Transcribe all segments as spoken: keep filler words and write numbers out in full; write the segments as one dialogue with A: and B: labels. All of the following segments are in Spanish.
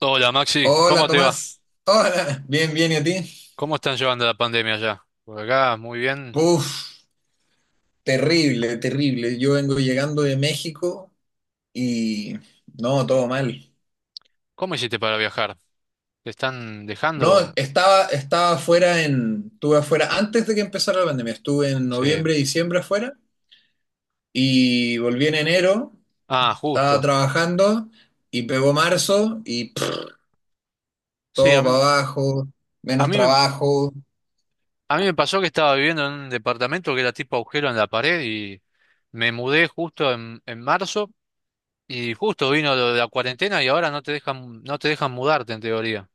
A: Hola Maxi,
B: Hola
A: ¿cómo te va?
B: Tomás, hola, bien, bien, ¿y a ti?
A: ¿Cómo están llevando la pandemia allá? Por acá, muy bien.
B: Puf, terrible, terrible. Yo vengo llegando de México y no, todo mal.
A: ¿Cómo hiciste para viajar? ¿Te están
B: No,
A: dejando?
B: estaba, estaba afuera en, estuve afuera antes de que empezara la pandemia, estuve en
A: Sí.
B: noviembre, diciembre afuera y volví en enero,
A: Ah,
B: estaba
A: justo.
B: trabajando y pegó marzo y pff,
A: Sí, a
B: todo para
A: mí,
B: abajo,
A: a
B: menos
A: mí, me-
B: trabajo.
A: a mí me pasó que estaba viviendo en un departamento que era tipo agujero en la pared y me mudé justo en, en marzo y justo vino lo de la cuarentena y ahora no te dejan, no te dejan mudarte en teoría.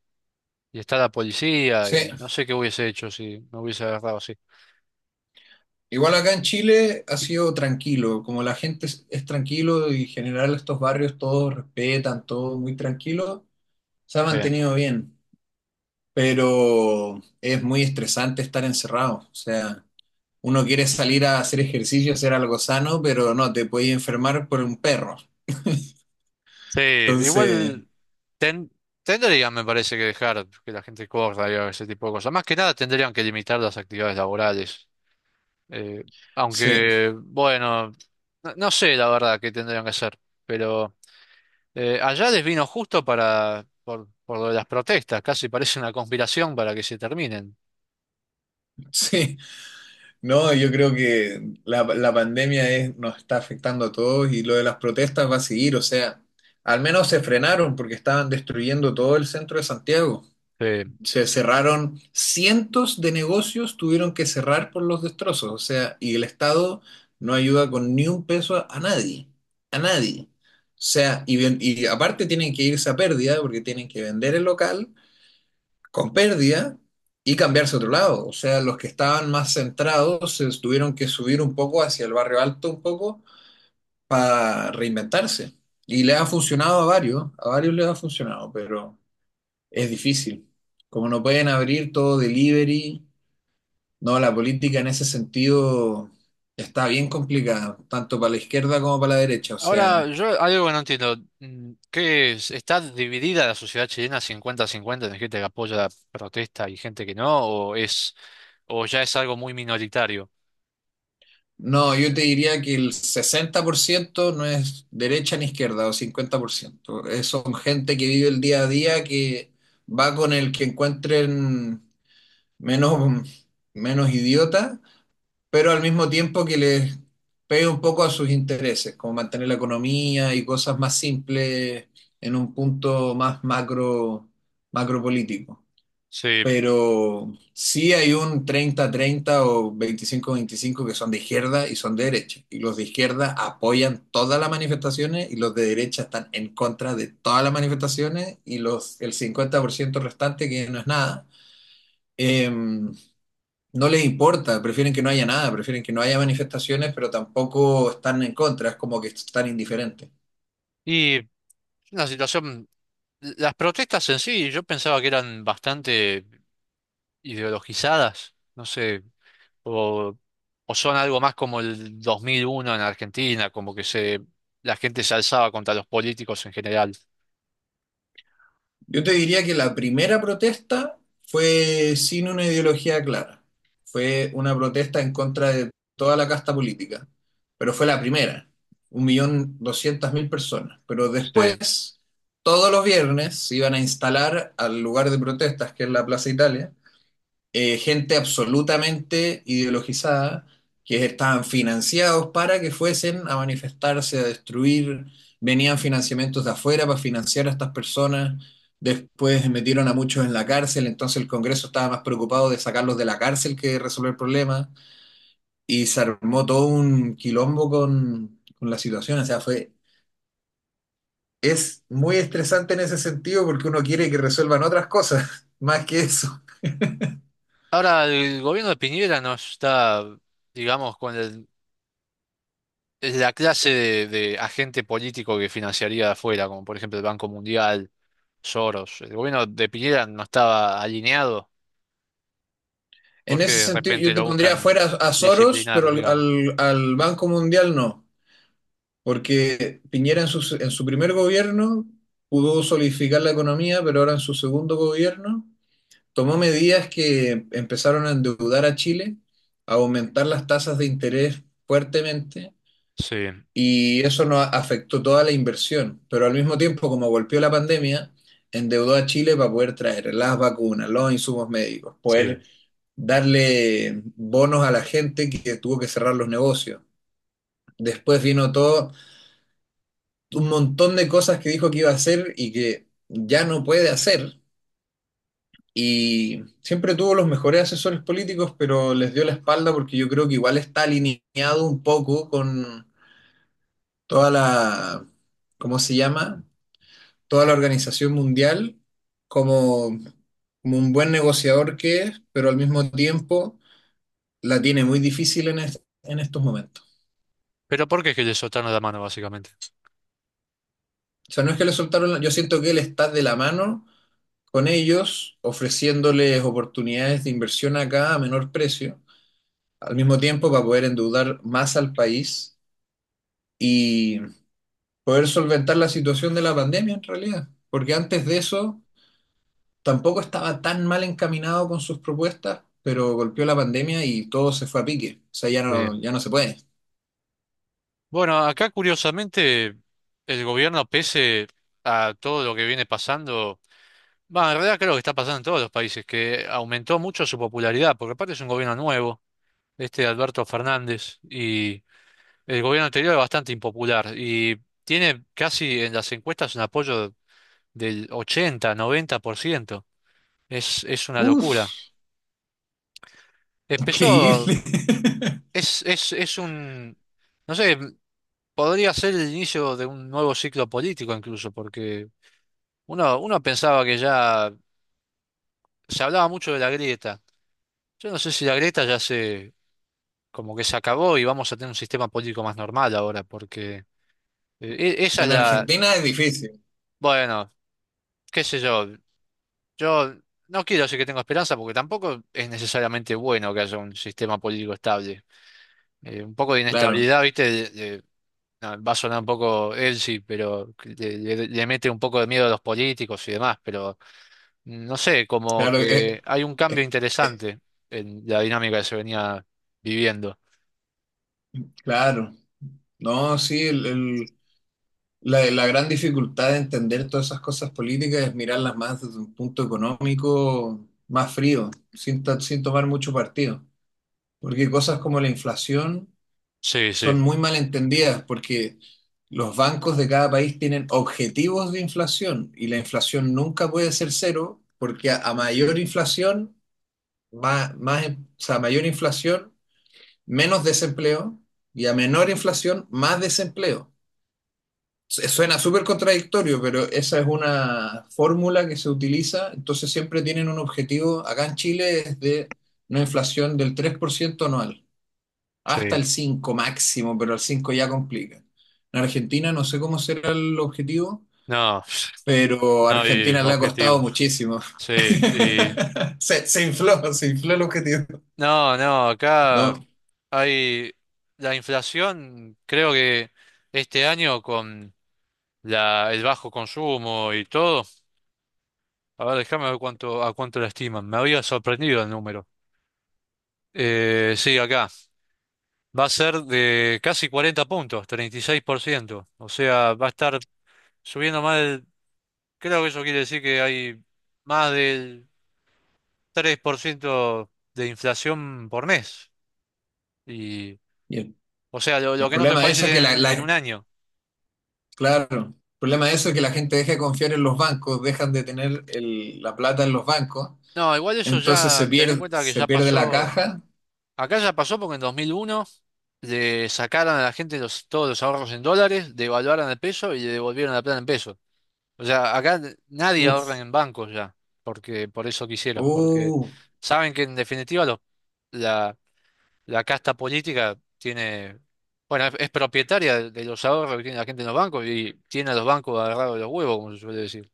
A: Y está la policía
B: Sí,
A: y no sé qué hubiese hecho si me hubiese agarrado así.
B: Igual acá en Chile ha sido tranquilo, como la gente es, es tranquilo y en general estos barrios todos respetan, todo muy tranquilo, se ha
A: Sí.
B: mantenido bien, pero es muy estresante estar encerrado, o sea, uno quiere salir a hacer ejercicio, hacer algo sano, pero no, te puedes enfermar por un perro.
A: Sí,
B: Entonces,
A: igual ten- tendrían, me parece, que dejar que la gente corra y haga ese tipo de cosas. Más que nada tendrían que limitar las actividades laborales. Eh,
B: sí,
A: aunque, bueno, no, no sé la verdad qué tendrían que hacer, pero eh, allá les vino justo para, por, por lo de las protestas, casi parece una conspiración para que se terminen.
B: sí. No, yo creo que la, la pandemia es- nos está afectando a todos y lo de las protestas va a seguir. O sea, al menos se frenaron porque estaban destruyendo todo el centro de Santiago.
A: Sí.
B: Se cerraron cientos de negocios, tuvieron que cerrar por los destrozos. O sea, y el Estado no ayuda con ni un peso a, a nadie, a nadie. O sea, y, ven- y aparte tienen que irse a pérdida porque tienen que vender el local con pérdida y cambiarse a otro lado. O sea, los que estaban más centrados se tuvieron que subir un poco hacia el barrio alto un poco para reinventarse. Y les ha funcionado a varios, a varios les ha funcionado, pero es difícil. Como no pueden abrir todo delivery, no, la política en ese sentido está bien complicada, tanto para la izquierda como para la derecha. O
A: Ahora,
B: sea,
A: yo hay algo que no entiendo. Mm, ¿Qué es? ¿Está dividida la sociedad chilena 50 cincuenta en gente que apoya la protesta y gente que no? ¿O es, o ya es algo muy minoritario?
B: no, yo te diría que el sesenta por ciento no es derecha ni izquierda, o cincuenta por ciento. Eh, son gente que vive el día a día, que va con el que encuentren menos, menos idiota, pero al mismo tiempo que les pegue un poco a sus intereses, como mantener la economía y cosas más simples en un punto más macro, macro político.
A: Sí.
B: Pero sí hay un treinta treinta o veinticinco veinticinco que son de izquierda y son de derecha. Y los de izquierda apoyan todas las manifestaciones y los de derecha están en contra de todas las manifestaciones y los, el cincuenta por ciento restante, que no es nada, eh, no les importa, prefieren que no haya nada, prefieren que no haya manifestaciones, pero tampoco están en contra, es como que están indiferentes.
A: Y la situación, las protestas en sí, yo pensaba que eran bastante ideologizadas, no sé, o, o son algo más como el dos mil uno en Argentina, como que se, la gente se alzaba contra los políticos en general.
B: Yo te diría que la primera protesta fue sin una ideología clara. Fue una protesta en contra de toda la casta política, pero fue la primera, un millón doscientas mil personas. Pero
A: Sí.
B: después, todos los viernes se iban a instalar al lugar de protestas, que es la Plaza Italia, eh, gente absolutamente ideologizada que estaban financiados para que fuesen a manifestarse, a destruir, venían financiamientos de afuera para financiar a estas personas, después metieron a muchos en la cárcel, entonces el Congreso estaba más preocupado de sacarlos de la cárcel que de resolver el problema, y se armó todo un quilombo con, con la situación, o sea, fue, es muy estresante en ese sentido porque uno quiere que resuelvan otras cosas, más que eso.
A: Ahora, el gobierno de Piñera no está, digamos, con el- es la clase de, de agente político que financiaría de afuera, como por ejemplo el Banco Mundial, Soros. El gobierno de Piñera no estaba alineado
B: En
A: porque
B: ese
A: de
B: sentido,
A: repente
B: yo te
A: lo
B: pondría
A: buscan
B: afuera a Soros,
A: disciplinar,
B: pero al,
A: digamos.
B: al- al Banco Mundial no, porque Piñera en su, en su primer gobierno pudo solidificar la economía, pero ahora en su segundo gobierno tomó medidas que empezaron a endeudar a Chile, a aumentar las tasas de interés fuertemente,
A: Sí,
B: y eso nos afectó toda la inversión, pero al mismo tiempo, como golpeó la pandemia, endeudó a Chile para poder traer las vacunas, los insumos médicos,
A: sí.
B: poder darle bonos a la gente que tuvo que cerrar los negocios. Después vino todo, un montón de cosas que dijo que iba a hacer y que ya no puede hacer. Y siempre tuvo los mejores asesores políticos, pero les dio la espalda porque yo creo que igual está alineado un poco con toda la, ¿cómo se llama? Toda la organización mundial como, como un buen negociador que es, pero al mismo tiempo la tiene muy difícil en, est- en estos momentos.
A: Pero ¿por qué es que le soltaron la mano, básicamente?
B: O sea, no es que le soltaron, la- yo siento que él está de la mano con ellos, ofreciéndoles oportunidades de inversión acá a menor precio, al mismo tiempo para poder endeudar más al país y poder solventar la situación de la pandemia en realidad. Porque antes de eso tampoco estaba tan mal encaminado con sus propuestas, pero golpeó la pandemia y todo se fue a pique. O sea, ya
A: Sí.
B: no, ya no se puede.
A: Bueno, acá curiosamente el gobierno, pese a todo lo que viene pasando, va, en realidad creo que está pasando en todos los países, que aumentó mucho su popularidad, porque aparte es un gobierno nuevo, este de Alberto Fernández, y el gobierno anterior es bastante impopular, y tiene casi en las encuestas un apoyo del ochenta, noventa por ciento. Es, es una
B: Uf,
A: locura. Empezó,
B: increíble.
A: es, es, es un, no sé, podría ser el inicio de un nuevo ciclo político incluso, porque uno, uno pensaba que ya se hablaba mucho de la grieta. Yo no sé si la grieta ya se como que se acabó y vamos a tener un sistema político más normal ahora, porque eh, e- esa es
B: En
A: la,
B: Argentina es difícil,
A: bueno, qué sé yo, yo no quiero decir que tengo esperanza porque tampoco es necesariamente bueno que haya un sistema político estable. Eh, un poco de
B: claro,
A: inestabilidad, ¿viste? de- de- no, va a sonar un poco sí pero que le, le- le mete un poco de miedo a los políticos y demás, pero no sé, como
B: claro,
A: que
B: eh,
A: hay un cambio
B: eh, eh,
A: interesante en la dinámica que se venía viviendo.
B: claro. No, sí, el- el- la, la gran dificultad de entender todas esas cosas políticas es mirarlas más desde un punto económico más frío, sin, ta- sin tomar mucho partido. Porque cosas como la inflación
A: Sí, sí,
B: son muy mal entendidas porque los bancos de cada país tienen objetivos de inflación y la inflación nunca puede ser cero porque a, a mayor inflación, más, más, em- o sea, a mayor inflación, menos desempleo y a menor inflación, más desempleo. Su- Suena súper contradictorio, pero esa es una fórmula que se utiliza. Entonces siempre tienen un objetivo, acá en Chile es de una inflación del tres por ciento anual. Hasta el
A: sí.
B: cinco máximo, pero el cinco ya complica. En Argentina no sé cómo será el objetivo,
A: No.
B: pero a
A: No, y
B: Argentina le ha costado
A: objetivos.
B: muchísimo.
A: Sí, y
B: Se, se infló, se infló el objetivo.
A: no, no, acá
B: No,
A: hay la inflación, creo que este año con la, el bajo consumo y todo, a ver, déjame ver cuánto, a cuánto la estiman. Me había sorprendido el número. Eh, sí, acá va a ser de casi cuarenta puntos, treinta y seis por ciento. O sea, va a estar subiendo más del- Creo que eso quiere decir que hay más del tres por ciento de inflación por mes.
B: y el,
A: O sea, lo, lo
B: el
A: que en otros
B: problema de
A: países
B: eso es que la,
A: tienen en un
B: la-
A: año.
B: claro, el problema de eso es que la gente deja de confiar en los bancos, dejan de tener el- la plata en los bancos,
A: No, igual eso
B: entonces se
A: ya, ten en
B: pierde,
A: cuenta que
B: se
A: ya
B: pierde la
A: pasó,
B: caja.
A: acá ya pasó porque en dos mil uno le sacaron a la gente los, todos los ahorros en dólares, devaluaron el peso y le devolvieron la plata en pesos. O sea, acá nadie ahorra
B: Uf,
A: en bancos ya, porque por eso quisieron, porque
B: uh.
A: saben que en definitiva los, la, la casta política tiene, bueno, es, es propietaria de, de los ahorros que tiene la gente en los bancos y tiene a los bancos agarrados de los huevos, como se suele decir.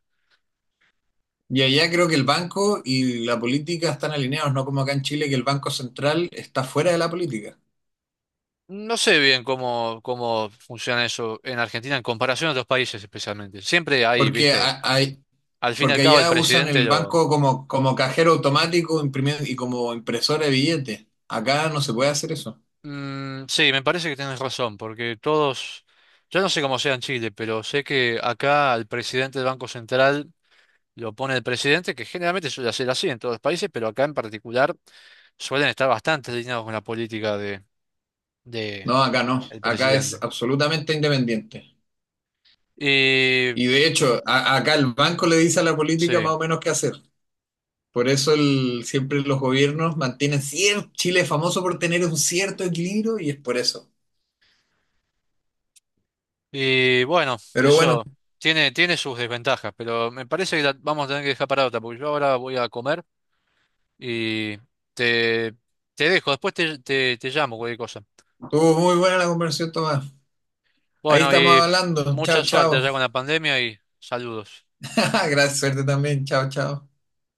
B: Y allá creo que el banco y la política están alineados, no como acá en Chile, que el Banco Central está fuera de la política.
A: No sé bien cómo, cómo funciona eso en Argentina en comparación a otros países especialmente. Siempre hay,
B: Porque,
A: viste,
B: a- hay,
A: al fin y al
B: porque
A: cabo el
B: allá usan
A: presidente
B: el
A: lo...
B: banco como, como cajero automático imprimi- y como impresora de billetes. Acá no se puede hacer eso.
A: Mm, sí, me parece que tienes razón, porque todos, yo no sé cómo sea en Chile, pero sé que acá al presidente del Banco Central lo pone el presidente, que generalmente suele ser así en todos los países, pero acá en particular suelen estar bastante alineados con la política de, de
B: No, acá no.
A: el
B: Acá es
A: presidente.
B: absolutamente independiente.
A: Y
B: Y de hecho, a- acá el banco le dice a la política
A: sí.
B: más o menos qué hacer. Por eso el, siempre los gobiernos mantienen cierto, Chile es famoso por tener un cierto equilibrio y es por eso.
A: Y bueno,
B: Pero bueno.
A: eso tiene, tiene sus desventajas, pero me parece que la vamos a tener que dejar para otra, porque yo ahora voy a comer y te, te dejo, después te, te, te llamo, cualquier cosa.
B: Estuvo muy buena la conversación, Tomás. Ahí
A: Bueno,
B: estamos
A: y
B: hablando.
A: mucha
B: Chao,
A: suerte
B: chao.
A: allá con la pandemia y saludos.
B: Gracias, suerte también. Chao, chao.